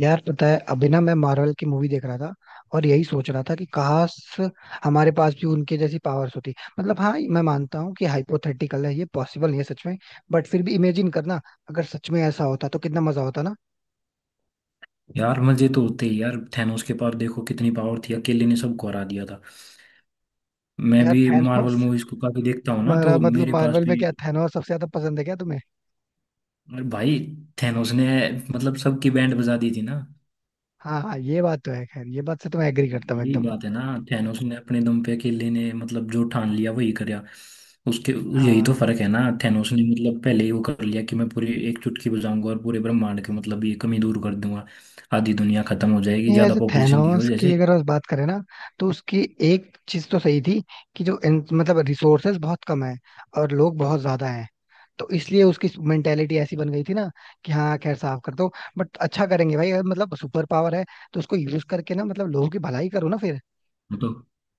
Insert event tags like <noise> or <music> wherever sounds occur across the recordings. यार पता है अभी ना मैं मार्वल की मूवी देख रहा था और यही सोच रहा था कि काश हमारे पास भी उनके जैसी पावर्स होती। मतलब हाँ, मैं मानता हूँ कि हाइपोथेटिकल है, ये पॉसिबल नहीं है सच में। बट फिर भी इमेजिन करना, अगर सच में ऐसा होता तो कितना मजा होता ना। यार मजे तो होते ही यार। थैनोस के पास देखो कितनी पावर थी, अकेले ने सबको हरा दिया था। मैं यार भी मार्वल थैनोस मूवीज को काफी देखता हूँ ना, मारा तो मतलब मेरे पास मार्वल में भी। क्या थैनोस सबसे ज्यादा पसंद है क्या तुम्हें? अरे भाई, थैनोस ने मतलब सबकी बैंड बजा दी थी ना। हाँ हाँ, ये बात तो है। खैर ये बात से तो मैं एग्री करता हूँ यही एकदम। बात है ना। थैनोस ने अपने दम पे अकेले ने मतलब जो ठान लिया वही करा उसके। यही तो हाँ, फर्क है ना। थैनोस ने मतलब पहले ही वो कर लिया कि मैं पूरी एक चुटकी बजाऊंगा और पूरे ब्रह्मांड के मतलब ये कमी दूर कर दूंगा। आधी दुनिया खत्म हो जाएगी नहीं ज्यादा वैसे पॉपुलेशन की थैनोस वजह की से। अगर बस बात करें ना तो उसकी एक चीज तो सही थी कि जो मतलब रिसोर्सेज बहुत कम है और लोग बहुत ज्यादा हैं, तो इसलिए उसकी मेंटेलिटी ऐसी बन गई थी ना कि हाँ खैर साफ कर दो। बट अच्छा करेंगे भाई, अगर मतलब सुपर पावर है तो उसको यूज करके ना मतलब लोगों की भलाई करो ना फिर। हम तो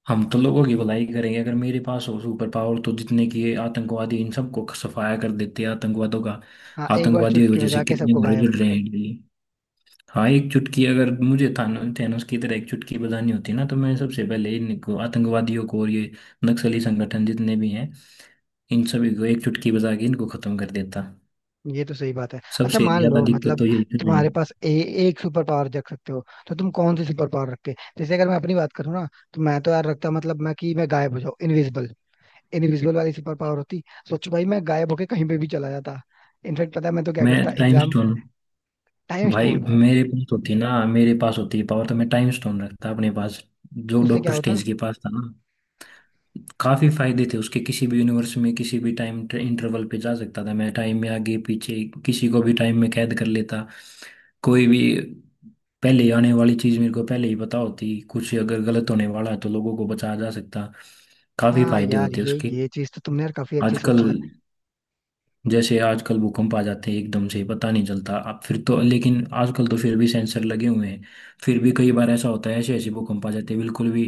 हम तो लोगों की भलाई करेंगे। अगर मेरे पास हो सुपर पावर तो जितने की ये आतंकवादी इन सबको सफाया कर देते हैं आतंकवादों का। हाँ, एक बार आतंकवादियों की चुटकी वजह से बजा के कितने सबको घरों गायब। जल रहे हैं डेली। हाँ, एक चुटकी अगर मुझे थानो थैनोस की तरह एक चुटकी बजानी होती ना, तो मैं सबसे पहले इनको आतंकवादियों को और ये नक्सली संगठन जितने भी हैं इन सभी को एक चुटकी बजा के इनको खत्म कर देता। ये तो सही बात है। अच्छा सबसे मान ज्यादा लो दिक्कत मतलब तो यही कर रहे हैं। तुम्हारे पास एक सुपर पावर रख सकते हो तो तुम कौन सी सुपर पावर रखते? जैसे अगर मैं अपनी बात करूँ ना तो मैं तो यार रखता मतलब मैं गायब हो जाऊँ, इनविजिबल। इनविजिबल वाली सुपर पावर होती। सोच भाई, मैं गायब होके कहीं पे भी चला जाता। इनफेक्ट पता है मैं तो क्या मैं करता टाइम एग्जाम। स्टोन। टाइम भाई स्टोन, मेरे पास होती ना, मेरे पास होती है पावर तो मैं टाइम स्टोन रखता अपने पास। जो उससे क्या डॉक्टर होता? स्ट्रेंज के पास था ना। काफी फायदे थे उसके। किसी भी यूनिवर्स में किसी भी टाइम इंटरवल पे जा सकता था, मैं टाइम में आगे पीछे किसी को भी टाइम में कैद कर लेता। कोई भी पहले आने वाली चीज मेरे को पहले ही पता होती। कुछ अगर गलत होने वाला है तो लोगों को बचाया जा सकता। काफी हाँ फायदे यार, होते ये उसके। ये चीज तो तुमने यार काफी अच्छी आजकल, सोची है। जैसे आजकल भूकंप आ जाते हैं एकदम से पता नहीं चलता अब। फिर तो लेकिन आजकल तो फिर भी सेंसर लगे हुए हैं। फिर भी कई बार ऐसा होता है ऐसे ऐसे भूकंप आ जाते हैं बिल्कुल भी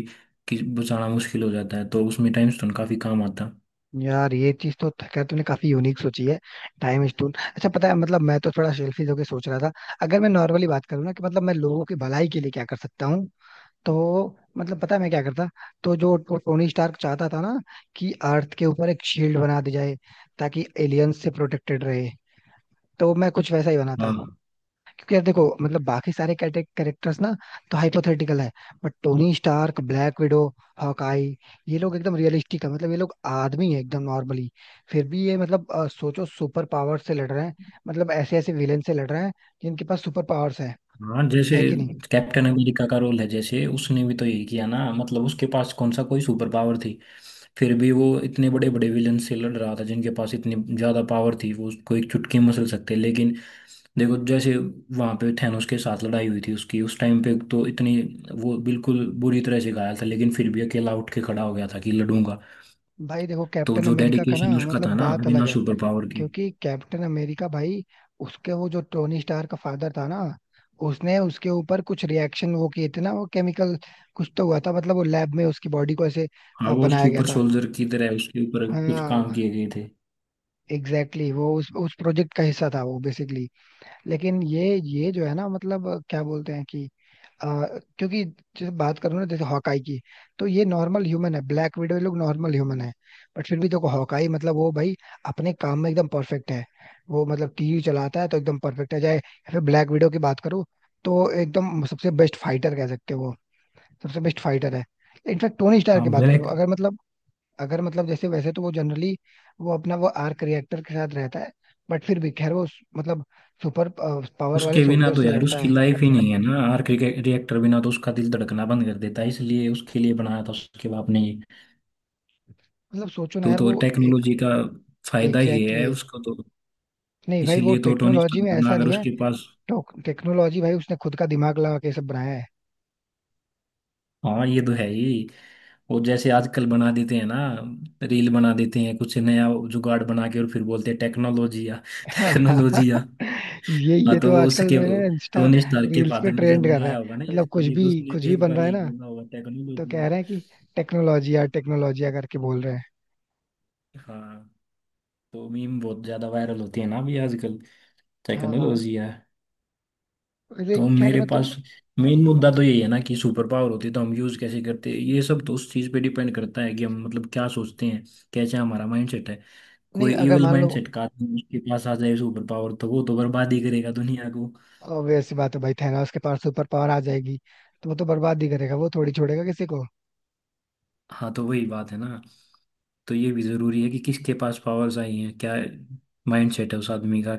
कि बचाना मुश्किल हो जाता है, तो उसमें टाइम स्टोन काफी काम आता। यार ये चीज तो खैर तुमने काफी यूनिक सोची है। Time stone. अच्छा पता है मतलब मैं तो थोड़ा सेल्फिश होके सोच रहा था। अगर मैं नॉर्मली बात करूँ ना कि मतलब मैं लोगों की भलाई के लिए क्या कर सकता हूँ, तो मतलब पता है मैं क्या करता? तो जो टोनी स्टार्क चाहता था ना कि अर्थ के ऊपर एक शील्ड बना दी जाए, ताकि एलियंस से प्रोटेक्टेड रहे, तो मैं कुछ वैसा ही बना था। हाँ, क्योंकि यार देखो मतलब बाकी सारे कैरेक्टर्स ना तो हाइपोथेटिकल है, but Tony Stark, Black Widow, Hawkeye, ये लोग एकदम रियलिस्टिक है। मतलब ये लोग आदमी है एकदम नॉर्मली, फिर भी ये मतलब सोचो सुपर पावर से लड़ रहे हैं। मतलब ऐसे ऐसे विलेन से लड़ रहे हैं जिनके पास सुपर पावर्स है। हाँ। जैसे है कि नहीं? कैप्टन अमेरिका का रोल है, जैसे उसने भी तो यही किया ना। मतलब उसके पास कौन सा कोई सुपर पावर थी। फिर भी वो इतने बड़े बड़े विलन से लड़ रहा था जिनके पास इतनी ज्यादा पावर थी, वो उसको एक चुटकी मसल सकते, लेकिन देखो। जैसे वहां पे थैनोस के साथ लड़ाई हुई थी उसकी, उस टाइम पे तो इतनी वो बिल्कुल बुरी तरह से घायल था लेकिन फिर भी अकेला उठ के खड़ा हो गया था कि लड़ूंगा। भाई देखो, तो कैप्टन जो अमेरिका का ना डेडिकेशन उसका था मतलब ना, बात बिना अलग है। सुपर पावर के। क्योंकि कैप्टन अमेरिका भाई, उसके वो जो टोनी स्टार का फादर था ना, उसने उसके ऊपर कुछ रिएक्शन वो किए थे ना, वो केमिकल कुछ तो हुआ था। मतलब वो लैब में उसकी बॉडी को ऐसे हाँ, वो बनाया गया सुपर था। सोल्जर की तरह उसके ऊपर हाँ। कुछ काम किए गए थे। एग्जैक्टली exactly, वो उस प्रोजेक्ट का हिस्सा था वो बेसिकली। लेकिन ये जो है ना मतलब क्या बोलते हैं कि आ, क्योंकि जैसे बात करूँ ना जैसे हॉकाई की, तो ये नॉर्मल ह्यूमन है, ब्लैक विडो लोग नॉर्मल ह्यूमन है। बट फिर भी देखो हॉकाई मतलब वो भाई अपने काम में एकदम परफेक्ट है। वो मतलब टीवी चलाता है तो एकदम परफेक्ट है, चाहे या फिर ब्लैक विडो की बात करूँ तो एकदम सबसे बेस्ट फाइटर कह सकते हो वो। सबसे बेस्ट फाइटर है। इनफैक्ट टोनी स्टार हाँ, की बात करूँ ब्लैक। अगर मतलब, अगर मतलब जैसे, वैसे तो वो जनरली वो अपना वो आर्क रिएक्टर के साथ रहता है, बट फिर भी खैर वो मतलब सुपर पावर वाले उसके बिना सोल्जर तो से यार लड़ता उसकी है। लाइफ ही नहीं है ना, आर्क रिएक्टर बिना तो उसका दिल धड़कना बंद कर देता है, इसलिए उसके लिए बनाया था उसके बाप ने ये। मतलब सोचो ना तो यार तो वो। टेक्नोलॉजी का फायदा ही एग्जैक्टली है exactly. उसको तो। नहीं भाई वो इसीलिए तो टोनी टेक्नोलॉजी स्टार्क में बना, ऐसा अगर नहीं है। उसके पास। टेक्नोलॉजी भाई उसने खुद का दिमाग लगा के सब बनाया है। हाँ, ये तो है ही। और जैसे आजकल बना देते हैं ना, रील बना देते हैं कुछ नया जुगाड़ बना के और फिर बोलते हैं टेक्नोलॉजी या। टेक्नोलॉजी या। <laughs> ये हाँ, तो तो वो आजकल उसके मैंने इंस्टा टोनी स्टार के रील्स पे फादर ने जब ट्रेंड कर रहा है, बनाया होगा ना मतलब इसके कुछ लिए, भी तो उसने कुछ भी एक बन बार रहा है यही ना, बोला होगा तो टेक्नोलॉजी कह या। रहे हैं कि टेक्नोलॉजी या टेक्नोलॉजी करके बोल रहे हैं। हाँ, तो मीम बहुत ज्यादा वायरल होती है ना अभी आजकल। हाँ हाँ। टेक्नोलॉजी या। वैसे तो खैर मेरे मैं तो, पास मेन मुद्दा तो यही है ना कि सुपर पावर होती है तो हम यूज कैसे करते हैं, ये सब तो उस चीज पे डिपेंड करता है कि हम मतलब क्या सोचते हैं, कैसे हमारा माइंडसेट है। नहीं कोई अगर इविल मान लो माइंडसेट का आदमी उसके पास आ जाए सुपर पावर, तो वो तो बर्बाद ही करेगा दुनिया को। obvious सी बात है भाई थैनोस के पास सुपर पावर आ जाएगी तो वो तो बर्बाद ही करेगा, वो थोड़ी छोड़ेगा किसी को। हाँ, तो वही बात है ना। तो ये भी जरूरी है कि किसके पास पावर्स आई हैं, क्या माइंडसेट है उस आदमी का।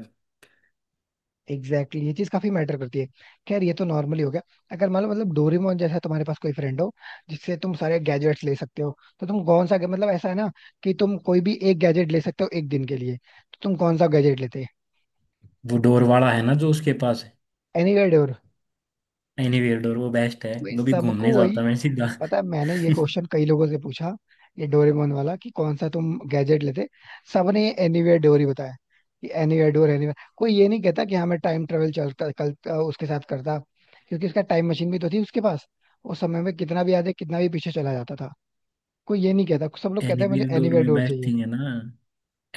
एग्जैक्टली exactly, ये चीज काफी मैटर करती है। खैर ये तो नॉर्मली हो गया। अगर मान लो मतलब डोरेमोन जैसा तुम्हारे पास कोई फ्रेंड हो जिससे तुम सारे गैजेट्स ले सकते हो, तो तुम कौन सा मतलब ऐसा है ना कि तुम कोई भी एक गैजेट ले सकते हो एक दिन के लिए, तो तुम कौन सा गैजेट लेते? वो डोर वाला है ना जो उसके पास है। Anywhere door. एनीवेयर डोर वो बेस्ट है। वही कभी सबको, घूमने वही। जाता मैं सीधा। पता है मैंने ये <laughs> क्वेश्चन कई लोगों से पूछा, ये डोरेमोन वाला कि कौन सा तुम गैजेट लेते, सबने एनीवेयर डोर ही बताया। कि एनीवेयर डोर, एनीवेयर। कोई ये नहीं कहता कि हमें टाइम ट्रेवल चलता कल उसके साथ करता। क्योंकि उसका टाइम मशीन भी तो थी उसके पास। उस समय में कितना भी आगे कितना भी पीछे चला जाता था। कोई ये नहीं कहता, सब लोग कहते हैं मुझे एनीवेयर डोर एनीवेयर में डोर बेस्ट चाहिए। थिंग है ना।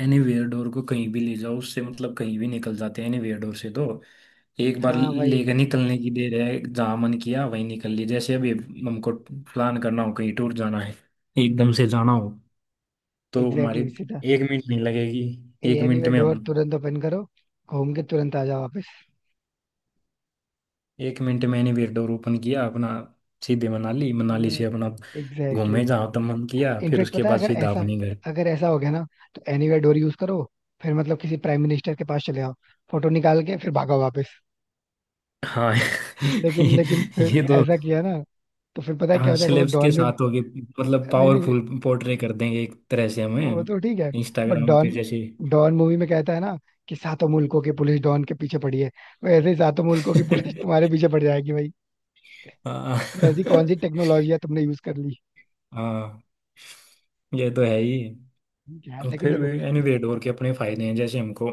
एनीवेयर डोर को कहीं भी ले जाओ, उससे मतलब कहीं भी निकल जाते हैं एनीवेयर डोर से तो। एक बार हाँ भाई। लेकर निकलने की देर है, जहाँ मन किया वहीं निकल ली। जैसे अभी हमको प्लान करना हो कहीं टूर जाना है, एकदम से जाना हो तो एग्जैक्टली हमारी exactly, सीधा एक मिनट नहीं लगेगी। ये एक मिनट एनीवेयर में हम, डोर तुरंत ओपन करो, घूम के तुरंत आ जाओ वापस। एक मिनट में एनीवेयर डोर ओपन किया अपना, सीधे मनाली, मनाली हाँ, से अपना एग्जैक्टली। घूमे जहाँ तक मन किया फिर इनफेक्ट उसके पता है बाद अगर सीधा ऐसा, अपने घर। अगर ऐसा हो गया ना तो एनीवेयर डोर यूज करो, फिर मतलब किसी प्राइम मिनिस्टर के पास चले आओ, फोटो निकाल के फिर भागो वापस। हाँ। लेकिन लेकिन <laughs> फिर ये तो। ऐसा किया ना, तो फिर पता है क्या हाँ, हो जाएगा वो सेलेब्स के डॉन में। साथ होगी, मतलब नहीं नहीं, पावरफुल पोर्ट्रे कर देंगे एक तरह से वो हमें तो ठीक है बट इंस्टाग्राम डॉन, पे जैसे। डॉन मूवी में कहता है ना कि सातों मुल्कों की पुलिस डॉन के पीछे पड़ी है, वैसे ही सातों मुल्कों की पुलिस तुम्हारे <laughs> पीछे पड़ जाएगी भाई। ये ऐसी हाँ, कौन सी टेक्नोलॉजी है तुमने यूज कर ली? हाँ, ये तो है ही। ठीक है यार, लेकिन फिर देखो। भी एनीवे डोर के अपने फायदे हैं, जैसे हमको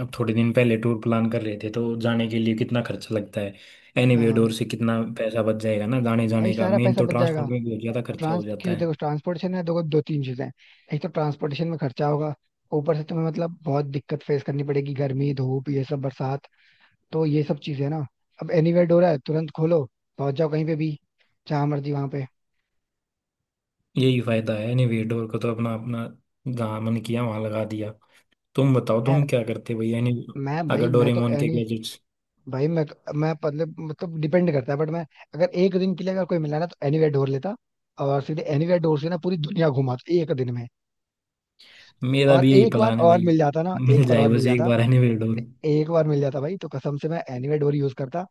अब थोड़े दिन पहले टूर प्लान कर रहे थे तो जाने के लिए कितना खर्चा लगता है, एनीवे हाँ डोर से कितना पैसा बच जाएगा ना। जाने भाई, जाने का सारा मेन पैसा तो बच जाएगा। ट्रांसपोर्ट में बहुत ज़्यादा खर्चा हो ट्रांस जाता क्यों, है। देखो ट्रांसपोर्टेशन में देखो दो तीन चीजें हैं। एक तो ट्रांसपोर्टेशन में खर्चा होगा, ऊपर से तुम्हें मतलब बहुत दिक्कत फेस करनी पड़ेगी, गर्मी धूप ये सब बरसात, तो ये सब चीजें ना। अब एनीवेयर डोर है, तुरंत खोलो, पहुंच जाओ कहीं पे भी, जहां मर्जी वहां पे। यही फायदा है एनीवे डोर का, तो अपना अपना, जहाँ मन किया वहाँ लगा दिया। तुम बताओ है। तुम क्या करते भाई यानी मैं अगर भाई मैं तो डोरेमोन के एनी, गैजेट्स। भाई मैं, मैं मतलब डिपेंड करता है बट मैं, अगर एक दिन के लिए अगर कोई मिला ना तो एनीवेयर डोर लेता, और सीधे एनीवेयर डोर से ना पूरी दुनिया घुमा एक दिन में। मेरा और भी यही एक बार प्लान है और भाई। मिल जाता ना, मिल एक बार जाए और मिल बस एक जाता, बार एनीवेयर डोर। एक बार मिल जाता भाई तो कसम से मैं एनीवेयर डोर यूज करता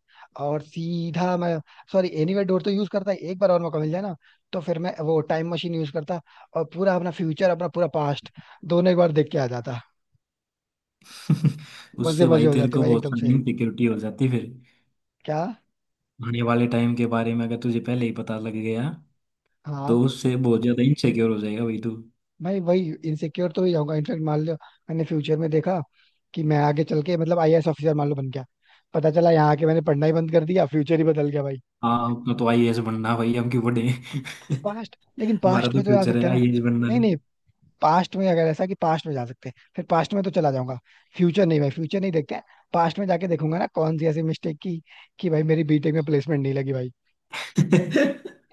और सीधा मैं। सॉरी, एनीवेयर डोर तो यूज करता ही, एक बार और मौका मिल जाए ना तो फिर मैं वो टाइम मशीन यूज करता, और पूरा अपना फ्यूचर अपना पूरा पास्ट दोनों एक बार देख के आ जाता। <laughs> मजे उससे मजे भाई हो तेरे जाते को भाई बहुत एकदम सारी से। इनसिक्योरिटी हो जाती फिर। क्या? आने वाले टाइम के बारे में अगर तुझे पहले ही पता लग गया, तो हाँ उससे बहुत ज्यादा इनसिक्योर हो जाएगा भाई तू। भाई वही, इनसिक्योर तो ही जाऊंगा। इनफेक्ट मान लो मैंने फ्यूचर में देखा कि मैं आगे चल के मतलब आईएएस ऑफिसर मान लो बन गया, पता चला यहाँ आके मैंने पढ़ना ही बंद कर दिया, फ्यूचर ही बदल गया भाई। हाँ, अपना तो आईएएस बनना भाई, हम क्यों बने? पास्ट, लेकिन <laughs> हमारा पास्ट तो में तो जा फ्यूचर है सकते हैं ना। आईएएस बनना। नहीं नहीं, पास्ट में अगर ऐसा कि पास्ट में जा सकते हैं फिर पास्ट में तो चला जाऊंगा। फ्यूचर नहीं भाई, फ्यूचर नहीं देखते हैं। पास्ट में जाके देखूंगा ना कौन सी ऐसी मिस्टेक की कि भाई मेरी B.Tech में प्लेसमेंट नहीं लगी भाई।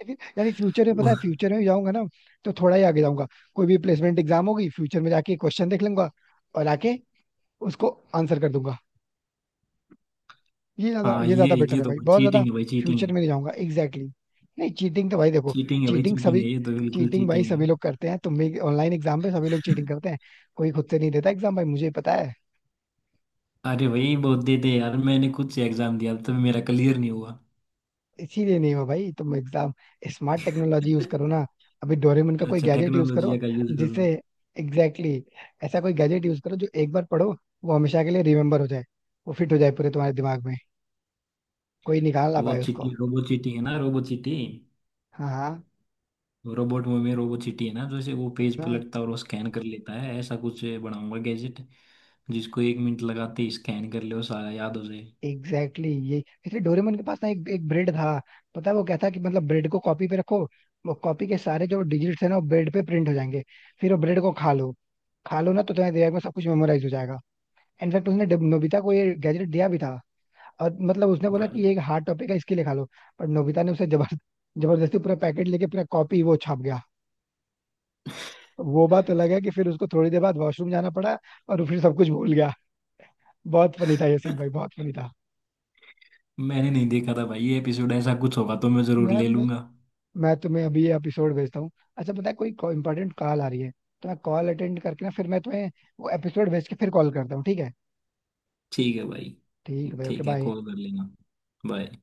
फिर यानी फ्यूचर में पता वो- है, <laughs> फ्यूचर में जाऊंगा ना तो थोड़ा ही आगे जाऊंगा। कोई भी प्लेसमेंट एग्जाम होगी, फ्यूचर में जाके क्वेश्चन देख लूंगा और आके उसको आंसर कर दूंगा। ये ज्यादा हाँ, ये ये ज्यादा बेटर ये है तो भाई, भाई बहुत ज्यादा। चीटिंग है, भाई चीटिंग फ्यूचर है। में नहीं जाऊंगा। Exactly exactly. नहीं, चीटिंग तो भाई देखो, चीटिंग है भाई, चीटिंग चीटिंग सभी, है, ये तो बिल्कुल चीटिंग भाई चीटिंग सभी लोग करते हैं, तुम भी ऑनलाइन एग्जाम पे सभी लोग है। चीटिंग <laughs> करते हैं। कोई खुद से नहीं देता एग्जाम भाई, मुझे पता है। अरे, वही बहुत देते हैं यार, मैंने खुद से एग्जाम दिया तब मेरा क्लियर नहीं हुआ। इसीलिए नहीं हुआ भाई तुम एग्जाम, स्मार्ट टेक्नोलॉजी यूज करो ना। <laughs> अभी डोरेमन का कोई अच्छा, गैजेट यूज करो, टेक्नोलॉजी का यूज करूँ। जिससे, एग्जैक्टली exactly, ऐसा कोई गैजेट यूज करो जो एक बार पढ़ो वो हमेशा के लिए रिमेम्बर हो जाए, वो फिट हो जाए पूरे तुम्हारे दिमाग में, कोई निकाल ना वो पाए उसको। चीटी रोबो, चीटी है ना, रोबो चीटी। हाँ हाँ। रोबोट में रोबो चीटी है ना, जैसे वो पेज हाँ, पलटता और वो स्कैन कर लेता है, ऐसा कुछ बनाऊंगा गैजेट जिसको एक मिनट लगाते ही स्कैन कर ले और सारा याद हो जाए। एग्जैक्टली exactly, ये, इसलिए डोरेमन के पास ना एक एक ब्रेड था। पता है वो क्या था कि मतलब ब्रेड को कॉपी पे रखो, वो कॉपी के सारे जो डिजिट्स है ना वो ब्रेड पे प्रिंट हो जाएंगे, फिर वो ब्रेड को खा लो। खा लो ना तो तुम्हारे दिमाग में सब कुछ मेमोराइज हो जाएगा। इनफैक्ट उसने नोबिता को ये गैजेट दिया भी था, और मतलब उसने बोला कि भाई ये एक हार्ड टॉपिक है इसके लिए खा लो। पर नोबिता ने उसे जबरदस्ती पूरा पैकेट लेके पूरा कॉपी वो छाप गया। वो बात अलग है कि फिर उसको थोड़ी देर बाद वॉशरूम जाना पड़ा और वो फिर सब कुछ भूल गया। बहुत फनी था ये सीन भाई, बहुत फनी था। मैंने नहीं देखा था भाई ये एपिसोड, ऐसा कुछ होगा तो मैं जरूर यार ले मैं लूंगा। मैं तुम्हें अभी ये एपिसोड भेजता हूँ। अच्छा पता है कोई इंपॉर्टेंट कॉल आ रही है, तो मैं कॉल अटेंड करके ना फिर मैं तुम्हें वो एपिसोड भेज के फिर कॉल करता हूँ, ठीक है? ठीक है भाई। ठीक है भाई, ओके ठीक है, बाय। कॉल कर लेना। बाय।